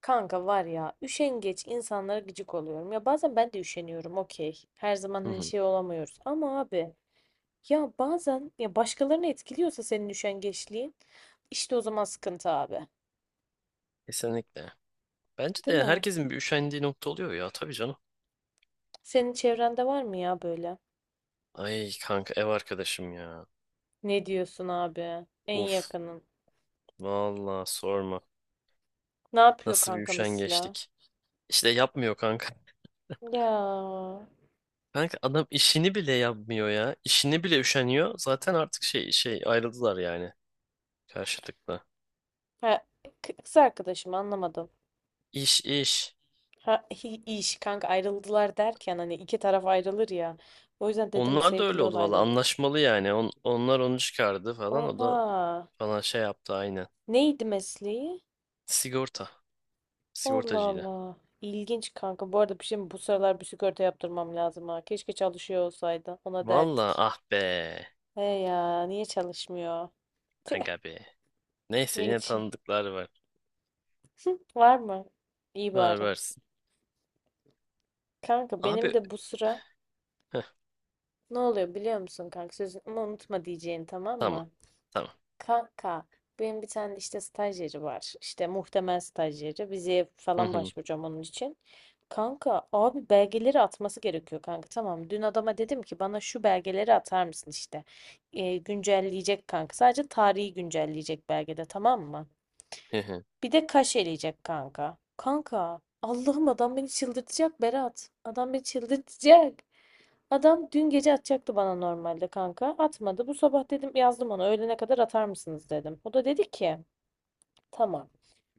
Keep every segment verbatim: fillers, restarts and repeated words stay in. Kanka var ya üşengeç insanlara gıcık oluyorum. Ya bazen ben de üşeniyorum okey. Her zaman Hı hani hı. şey olamıyoruz. Ama abi ya bazen ya başkalarını etkiliyorsa senin üşengeçliğin işte o zaman sıkıntı abi. Kesinlikle. Bence Değil de mi? herkesin bir üşendiği nokta oluyor ya tabii canım. Senin çevrende var mı ya böyle? Ay kanka ev arkadaşım ya. Ne diyorsun abi? En Uf. yakının. Vallahi sorma. Ne yapıyor Nasıl bir kanka mesela? üşengeçlik. İşte yapmıyor kanka. Ya Kanka adam işini bile yapmıyor ya. İşini bile üşeniyor. Zaten artık şey şey ayrıldılar yani karşılıklı. ha, k- kız arkadaşım anlamadım. İş iş. Ha, hi- iş kanka ayrıldılar derken hani iki taraf ayrılır ya. O yüzden dedim Onlar da öyle sevgili oldu valla olaylarım. anlaşmalı yani. On- onlar onu çıkardı falan. O da Oha. bana şey yaptı aynen. Neydi mesleği? Sigorta. Allah Sigortacıydı. Allah. İlginç kanka. Bu arada bir şey mi? Bu sıralar bir sigorta yaptırmam lazım ha. Keşke çalışıyor olsaydı. Ona Valla derdik. ah be. He ya niye çalışmıyor? Tüh. Aga be. Neyse Ya yine geçi. tanıdıklar var. Var mı? İyi Ver bari. versin. Kanka benim Abi de bu sıra heh, ne oluyor biliyor musun kanka? Sözünü ama unutma diyeceğini tamam tamam. mı? Tamam. Kanka benim bir tane işte stajyeri var. İşte muhtemel stajyeri. Yeri. Vizeye Hı falan hı, başvuracağım onun için. Kanka abi belgeleri atması gerekiyor kanka. Tamam dün adama dedim ki bana şu belgeleri atar mısın işte. Ee, güncelleyecek kanka. Sadece tarihi güncelleyecek belgede tamam mı? hı hı. Bir de kaşeleyecek kanka. Kanka Allah'ım adam beni çıldırtacak Berat. Adam beni çıldırtacak. Adam dün gece atacaktı bana normalde kanka. Atmadı. Bu sabah dedim yazdım ona öğlene kadar atar mısınız dedim. O da dedi ki tamam.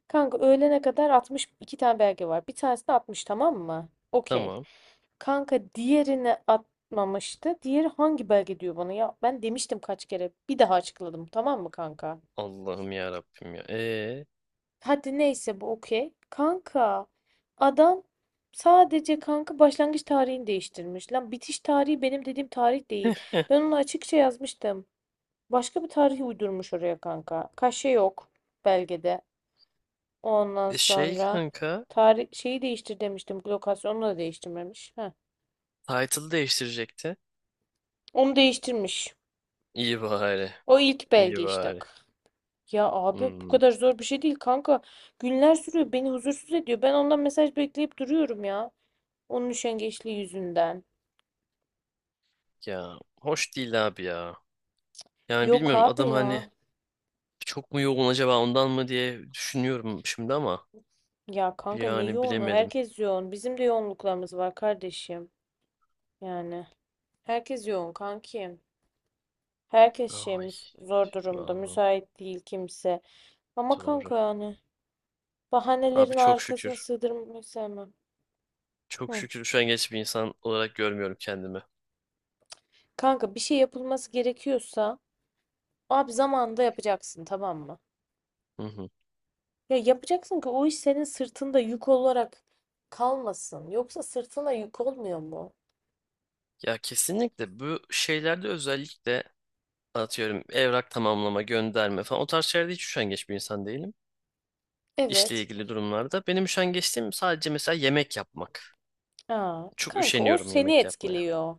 Kanka öğlene kadar atmış iki tane belge var. Bir tanesini atmış tamam mı? Okey. Tamam. Kanka diğerini atmamıştı. Diğeri hangi belge diyor bana ya? Ben demiştim kaç kere. Bir daha açıkladım tamam mı kanka? Allah'ım ya Rabbim ya. Ee, Hadi neyse bu okey. Kanka adam sadece kanka başlangıç tarihini değiştirmiş. Lan bitiş tarihi benim dediğim tarih değil. heh, Ben onu açıkça yazmıştım. Başka bir tarihi uydurmuş oraya kanka. Kaşe yok belgede. Ondan e Şey sonra kanka tarih şeyi değiştir demiştim. Lokasyonu da değiştirmemiş. Heh. title değiştirecekti. Onu değiştirmiş. İyi bari. O ilk İyi belge işte. bari. Ya abi bu Hmm. kadar zor bir şey değil kanka. Günler sürüyor. Beni huzursuz ediyor. Ben ondan mesaj bekleyip duruyorum ya. Onun üşengeçliği yüzünden. Ya hoş değil abi ya. Yani Yok bilmiyorum abi adam ya. hani çok mu yoğun acaba ondan mı diye düşünüyorum şimdi ama Ya kanka ne yani yoğunu? bilemedim. Herkes yoğun. Bizim de yoğunluklarımız var kardeşim. Yani herkes yoğun kankim. Herkes şey Ay müs- zor durumda. vallahi Müsait değil kimse. Ama doğru. kanka yani Abi bahanelerin çok arkasına şükür. sığdırmayı sevmem. Çok Hı. şükür şu an geç bir insan olarak görmüyorum kendimi. Kanka bir şey yapılması gerekiyorsa abi zamanında yapacaksın tamam mı? Hı hı. Ya yapacaksın ki o iş senin sırtında yük olarak kalmasın. Yoksa sırtına yük olmuyor mu? Ya kesinlikle bu şeylerde özellikle atıyorum evrak tamamlama, gönderme falan o tarz şeylerde hiç üşengeç bir insan değilim. İşle Evet. ilgili durumlarda. Benim üşengeçliğim sadece mesela yemek yapmak. Ya Çok kanka o üşeniyorum seni yemek yapmaya. etkiliyor.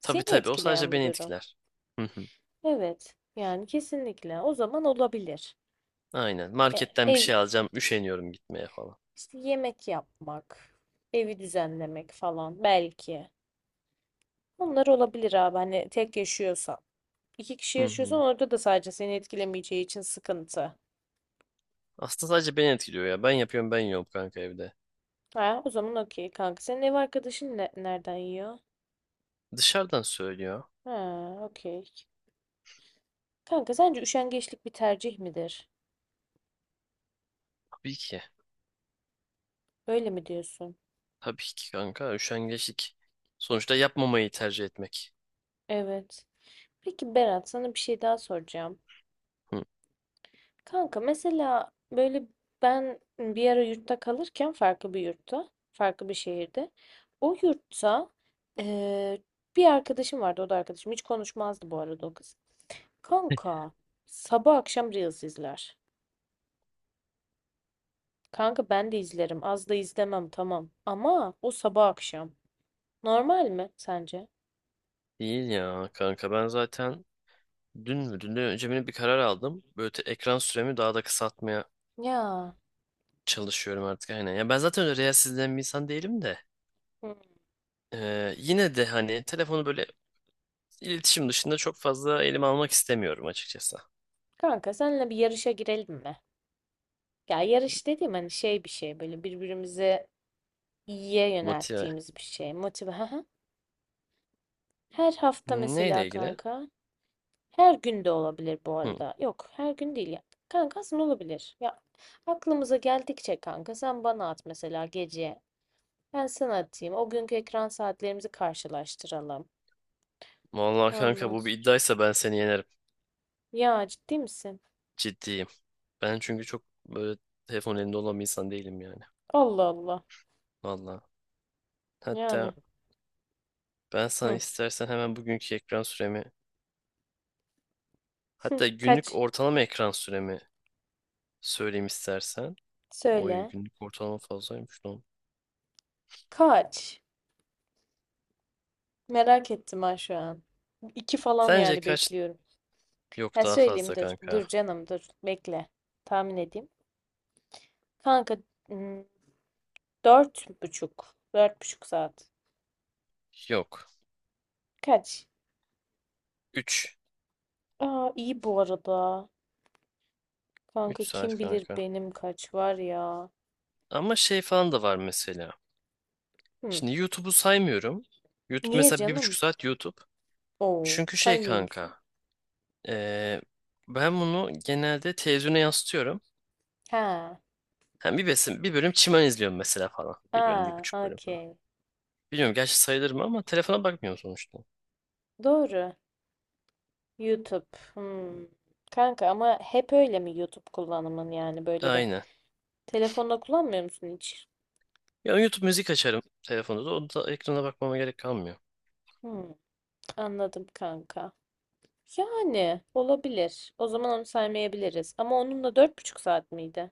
Tabii Seni tabii o sadece etkileyen bir beni durum. etkiler. Hı hı. Evet. Yani kesinlikle. O zaman olabilir. Aynen. Ya, Marketten bir ev şey alacağım, üşeniyorum gitmeye falan. işte yemek yapmak, evi düzenlemek falan belki. Bunlar olabilir abi. Hani tek yaşıyorsan. İki kişi Hı yaşıyorsan hı. orada da sadece seni etkilemeyeceği için sıkıntı. Aslında sadece beni etkiliyor ya. Ben yapıyorum, ben yiyorum kanka evde. Ha, o zaman okey kanka. Senin ev arkadaşın ne- nereden yiyor? Dışarıdan söylüyor. Ha, okey. Kanka sence üşengeçlik bir tercih midir? Tabii ki. Öyle mi diyorsun? Tabii ki kanka üşengeçlik. Sonuçta yapmamayı tercih etmek. Evet. Peki Berat sana bir şey daha soracağım. Kanka mesela böyle ben bir ara yurtta kalırken farklı bir yurtta, farklı bir şehirde. O yurtta eee, bir arkadaşım vardı o da arkadaşım. Hiç konuşmazdı bu arada o kız. Kanka sabah akşam Reels izler. Kanka ben de izlerim. Az da izlemem tamam. Ama o sabah akşam. Normal mi sence? Değil ya kanka ben zaten dün mü dünden önce mi ne bir karar aldım. Böyle te- ekran süremi daha da kısaltmaya Ya. çalışıyorum artık aynen. Ya ben zaten öyle reels izleyen bir insan değilim de. Hmm. Ee, yine de hani telefonu böyle iletişim dışında çok fazla elime almak istemiyorum açıkçası. Kanka seninle bir yarışa girelim mi? Ya yarış dediğim hani şey bir şey böyle birbirimize iyiye Motive. yönelttiğimiz bir şey. Motive. Hı hı. Her hafta Neyle mesela ilgili? kanka. Her gün de olabilir bu Hı. arada. Yok, her gün değil ya. Kanka aslında olabilir. Ya aklımıza geldikçe kanka sen bana at mesela gece. Ben sana atayım. O günkü ekran saatlerimizi karşılaştıralım. Vallahi kanka Ondan bu bir sonra. iddiaysa ben seni yenerim. Ya ciddi misin? Ciddiyim. Ben çünkü çok böyle telefon elinde olan bir insan değilim yani. Allah Allah. Vallahi. Hatta Yani. ben sana Hı. istersen hemen bugünkü ekran süremi. Hı. Hatta günlük Kaç? ortalama ekran süremi söyleyeyim istersen. Oy Söyle. günlük ortalama fazlaymış lan. Kaç? Merak ettim ha şu an. İki falan Sence yani kaç? bekliyorum. Yok Ha daha söyleyeyim fazla dur. kanka. Dur canım dur. Bekle. Tahmin edeyim. Kanka hmm, dört buçuk. Dört buçuk saat. Yok. Kaç? üç, Aa iyi bu arada. üç Kanka saat kim bilir kanka. benim kaç var ya. Ama şey falan da var mesela. Hmm. Şimdi YouTube'u saymıyorum. YouTube Niye mesela bir buçuk canım? saat YouTube. Oo Çünkü şey saymıyor musun? kanka. eee, Ben bunu genelde televizyona yansıtıyorum. Ha. Hem bir besin, bir bölüm çimen izliyorum mesela falan. Bir bölüm, bir Aa buçuk bölüm falan. okey. Bilmiyorum gerçi sayılır mı ama telefona bakmıyorum sonuçta. Doğru. YouTube. Hmm. Kanka ama hep öyle mi YouTube kullanımın yani böyle bir. Aynen. Telefonda kullanmıyor musun hiç? Ya YouTube müzik açarım telefonda da. Onda ekrana bakmama gerek kalmıyor. Hmm, anladım kanka. Yani olabilir. O zaman onu saymayabiliriz. Ama onun da dört buçuk saat miydi?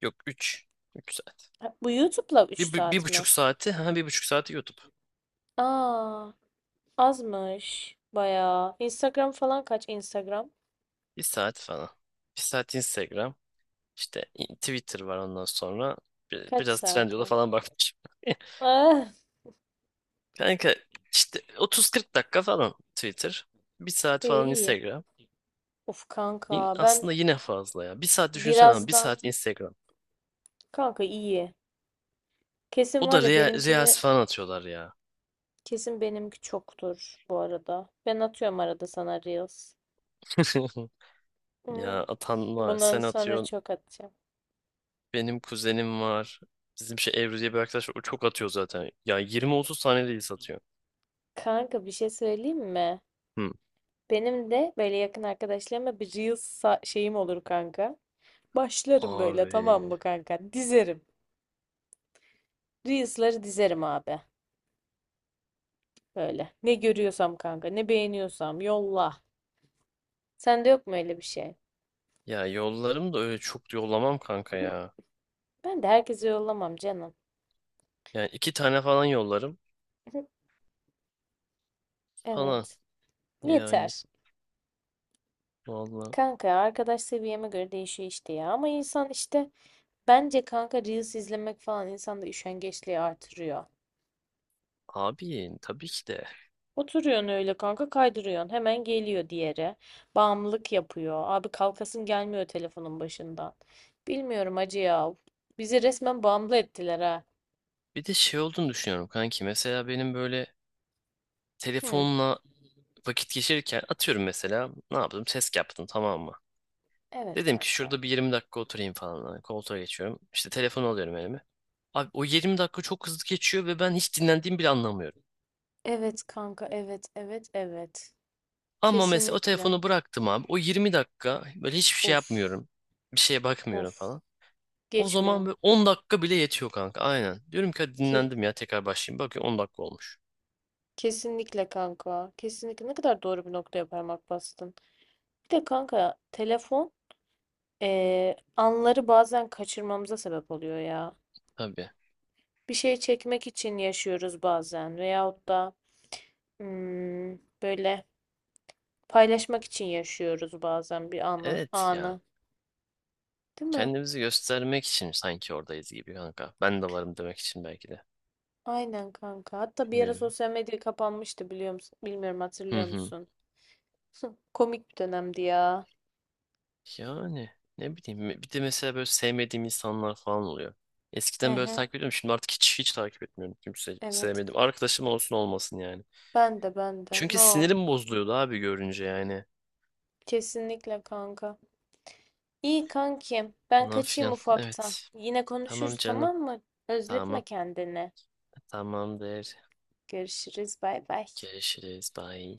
Yok üç, üç saat. Ha, bu YouTube'la Bir, üç bu- bir, saat mi? buçuk saati. Ha bir buçuk saati YouTube. Aa, azmış. Bayağı. Instagram falan kaç Instagram? Bir saat falan. Bir saat Instagram. İşte Twitter var ondan sonra. Bir- Kaç Biraz saat? Trendyol'a Ha? falan bakmışım. Ah, Kanka işte otuz kırk dakika falan Twitter. Bir saat iyi falan iyi. Instagram. Of kanka Yine- ben Aslında yine fazla ya. Bir saat düşünsene ama bir birazdan saat Instagram. kanka iyi. Kesin O da var ya Reels benimkini falan atıyorlar ya. kesin benimki çoktur bu arada. Ben atıyorum arada sana Reels. Ya Hmm, atan var. Bundan Sen sonra atıyorsun. çok atacağım. Benim kuzenim var. Bizim şey Ebru diye bir arkadaş var. O çok atıyor zaten. Ya yirmi otuz tane değil satıyor. Kanka bir şey söyleyeyim mi? Hı. Benim de böyle yakın arkadaşlarıma bir Reels sa- şeyim olur kanka. Başlarım böyle Abi. tamam mı kanka? Dizerim. Reels'ları dizerim abi. Böyle. Ne görüyorsam kanka, ne beğeniyorsam yolla. Sende yok mu öyle bir şey? Ya yollarım da öyle çok yollamam kanka ya. Ben de herkese yollamam canım. Yani iki tane falan yollarım. Falan. Evet. Yani. Yeter. Vallahi. Kanka arkadaş seviyeme göre değişiyor işte ya. Ama insan işte bence kanka Reels izlemek falan insanda üşengeçliği artırıyor. Abi tabii ki de. Oturuyorsun öyle kanka kaydırıyorsun. Hemen geliyor diğeri. Bağımlılık yapıyor. Abi kalkasın gelmiyor telefonun başından. Bilmiyorum acı ya. Bizi resmen bağımlı ettiler ha. Bir de şey olduğunu düşünüyorum kanki. Mesela benim böyle Hı, telefonla vakit geçirirken atıyorum mesela. Ne yaptım? Test yaptım tamam mı? evet Dedim ki kanka. şurada bir yirmi dakika oturayım falan. Hani koltuğa geçiyorum. İşte telefonu alıyorum elime. Abi o yirmi dakika çok hızlı geçiyor ve ben hiç dinlendiğimi bile anlamıyorum. Evet kanka evet evet evet. Ama mesela o Kesinlikle. telefonu bıraktım abi. O yirmi dakika böyle hiçbir şey Of yapmıyorum. Bir şeye bakmıyorum of. falan. O zaman Geçmiyor. böyle on dakika bile yetiyor kanka. Aynen. Diyorum ki hadi Ki dinlendim ya tekrar başlayayım. Bakıyorum on dakika olmuş. kesinlikle kanka. Kesinlikle ne kadar doğru bir noktaya parmak bastın. Bir de kanka telefon eee, anları bazen kaçırmamıza sebep oluyor ya. Tabii. Bir şey çekmek için yaşıyoruz bazen veyahut da hmm, böyle paylaşmak için yaşıyoruz bazen bir anı, Evet ya. anı. Değil mi? Kendimizi göstermek için sanki oradayız gibi kanka. Ben de varım demek için belki de. Aynen kanka. Hatta bir ara Bilmiyorum. sosyal medya kapanmıştı biliyor musun? Bilmiyorum Hı hatırlıyor hı. musun? Hı, komik bir dönemdi ya. Yani ne bileyim bir de mesela böyle sevmediğim insanlar falan oluyor. Hı Eskiden böyle hı. takip ediyordum şimdi artık hiç hiç takip etmiyorum kimse Evet. sevmedim. Arkadaşım olsun olmasın yani. Ben de ben de. Çünkü No. sinirim bozuluyordu abi görünce yani. Kesinlikle kanka. İyi kankim. Ben Falan kaçayım filan ufaktan. evet. Yine Tamam konuşuruz canım tamam mı? Özletme tamam kendini. tamamdır. Görüşürüz. Bay bay. Görüşürüz bye.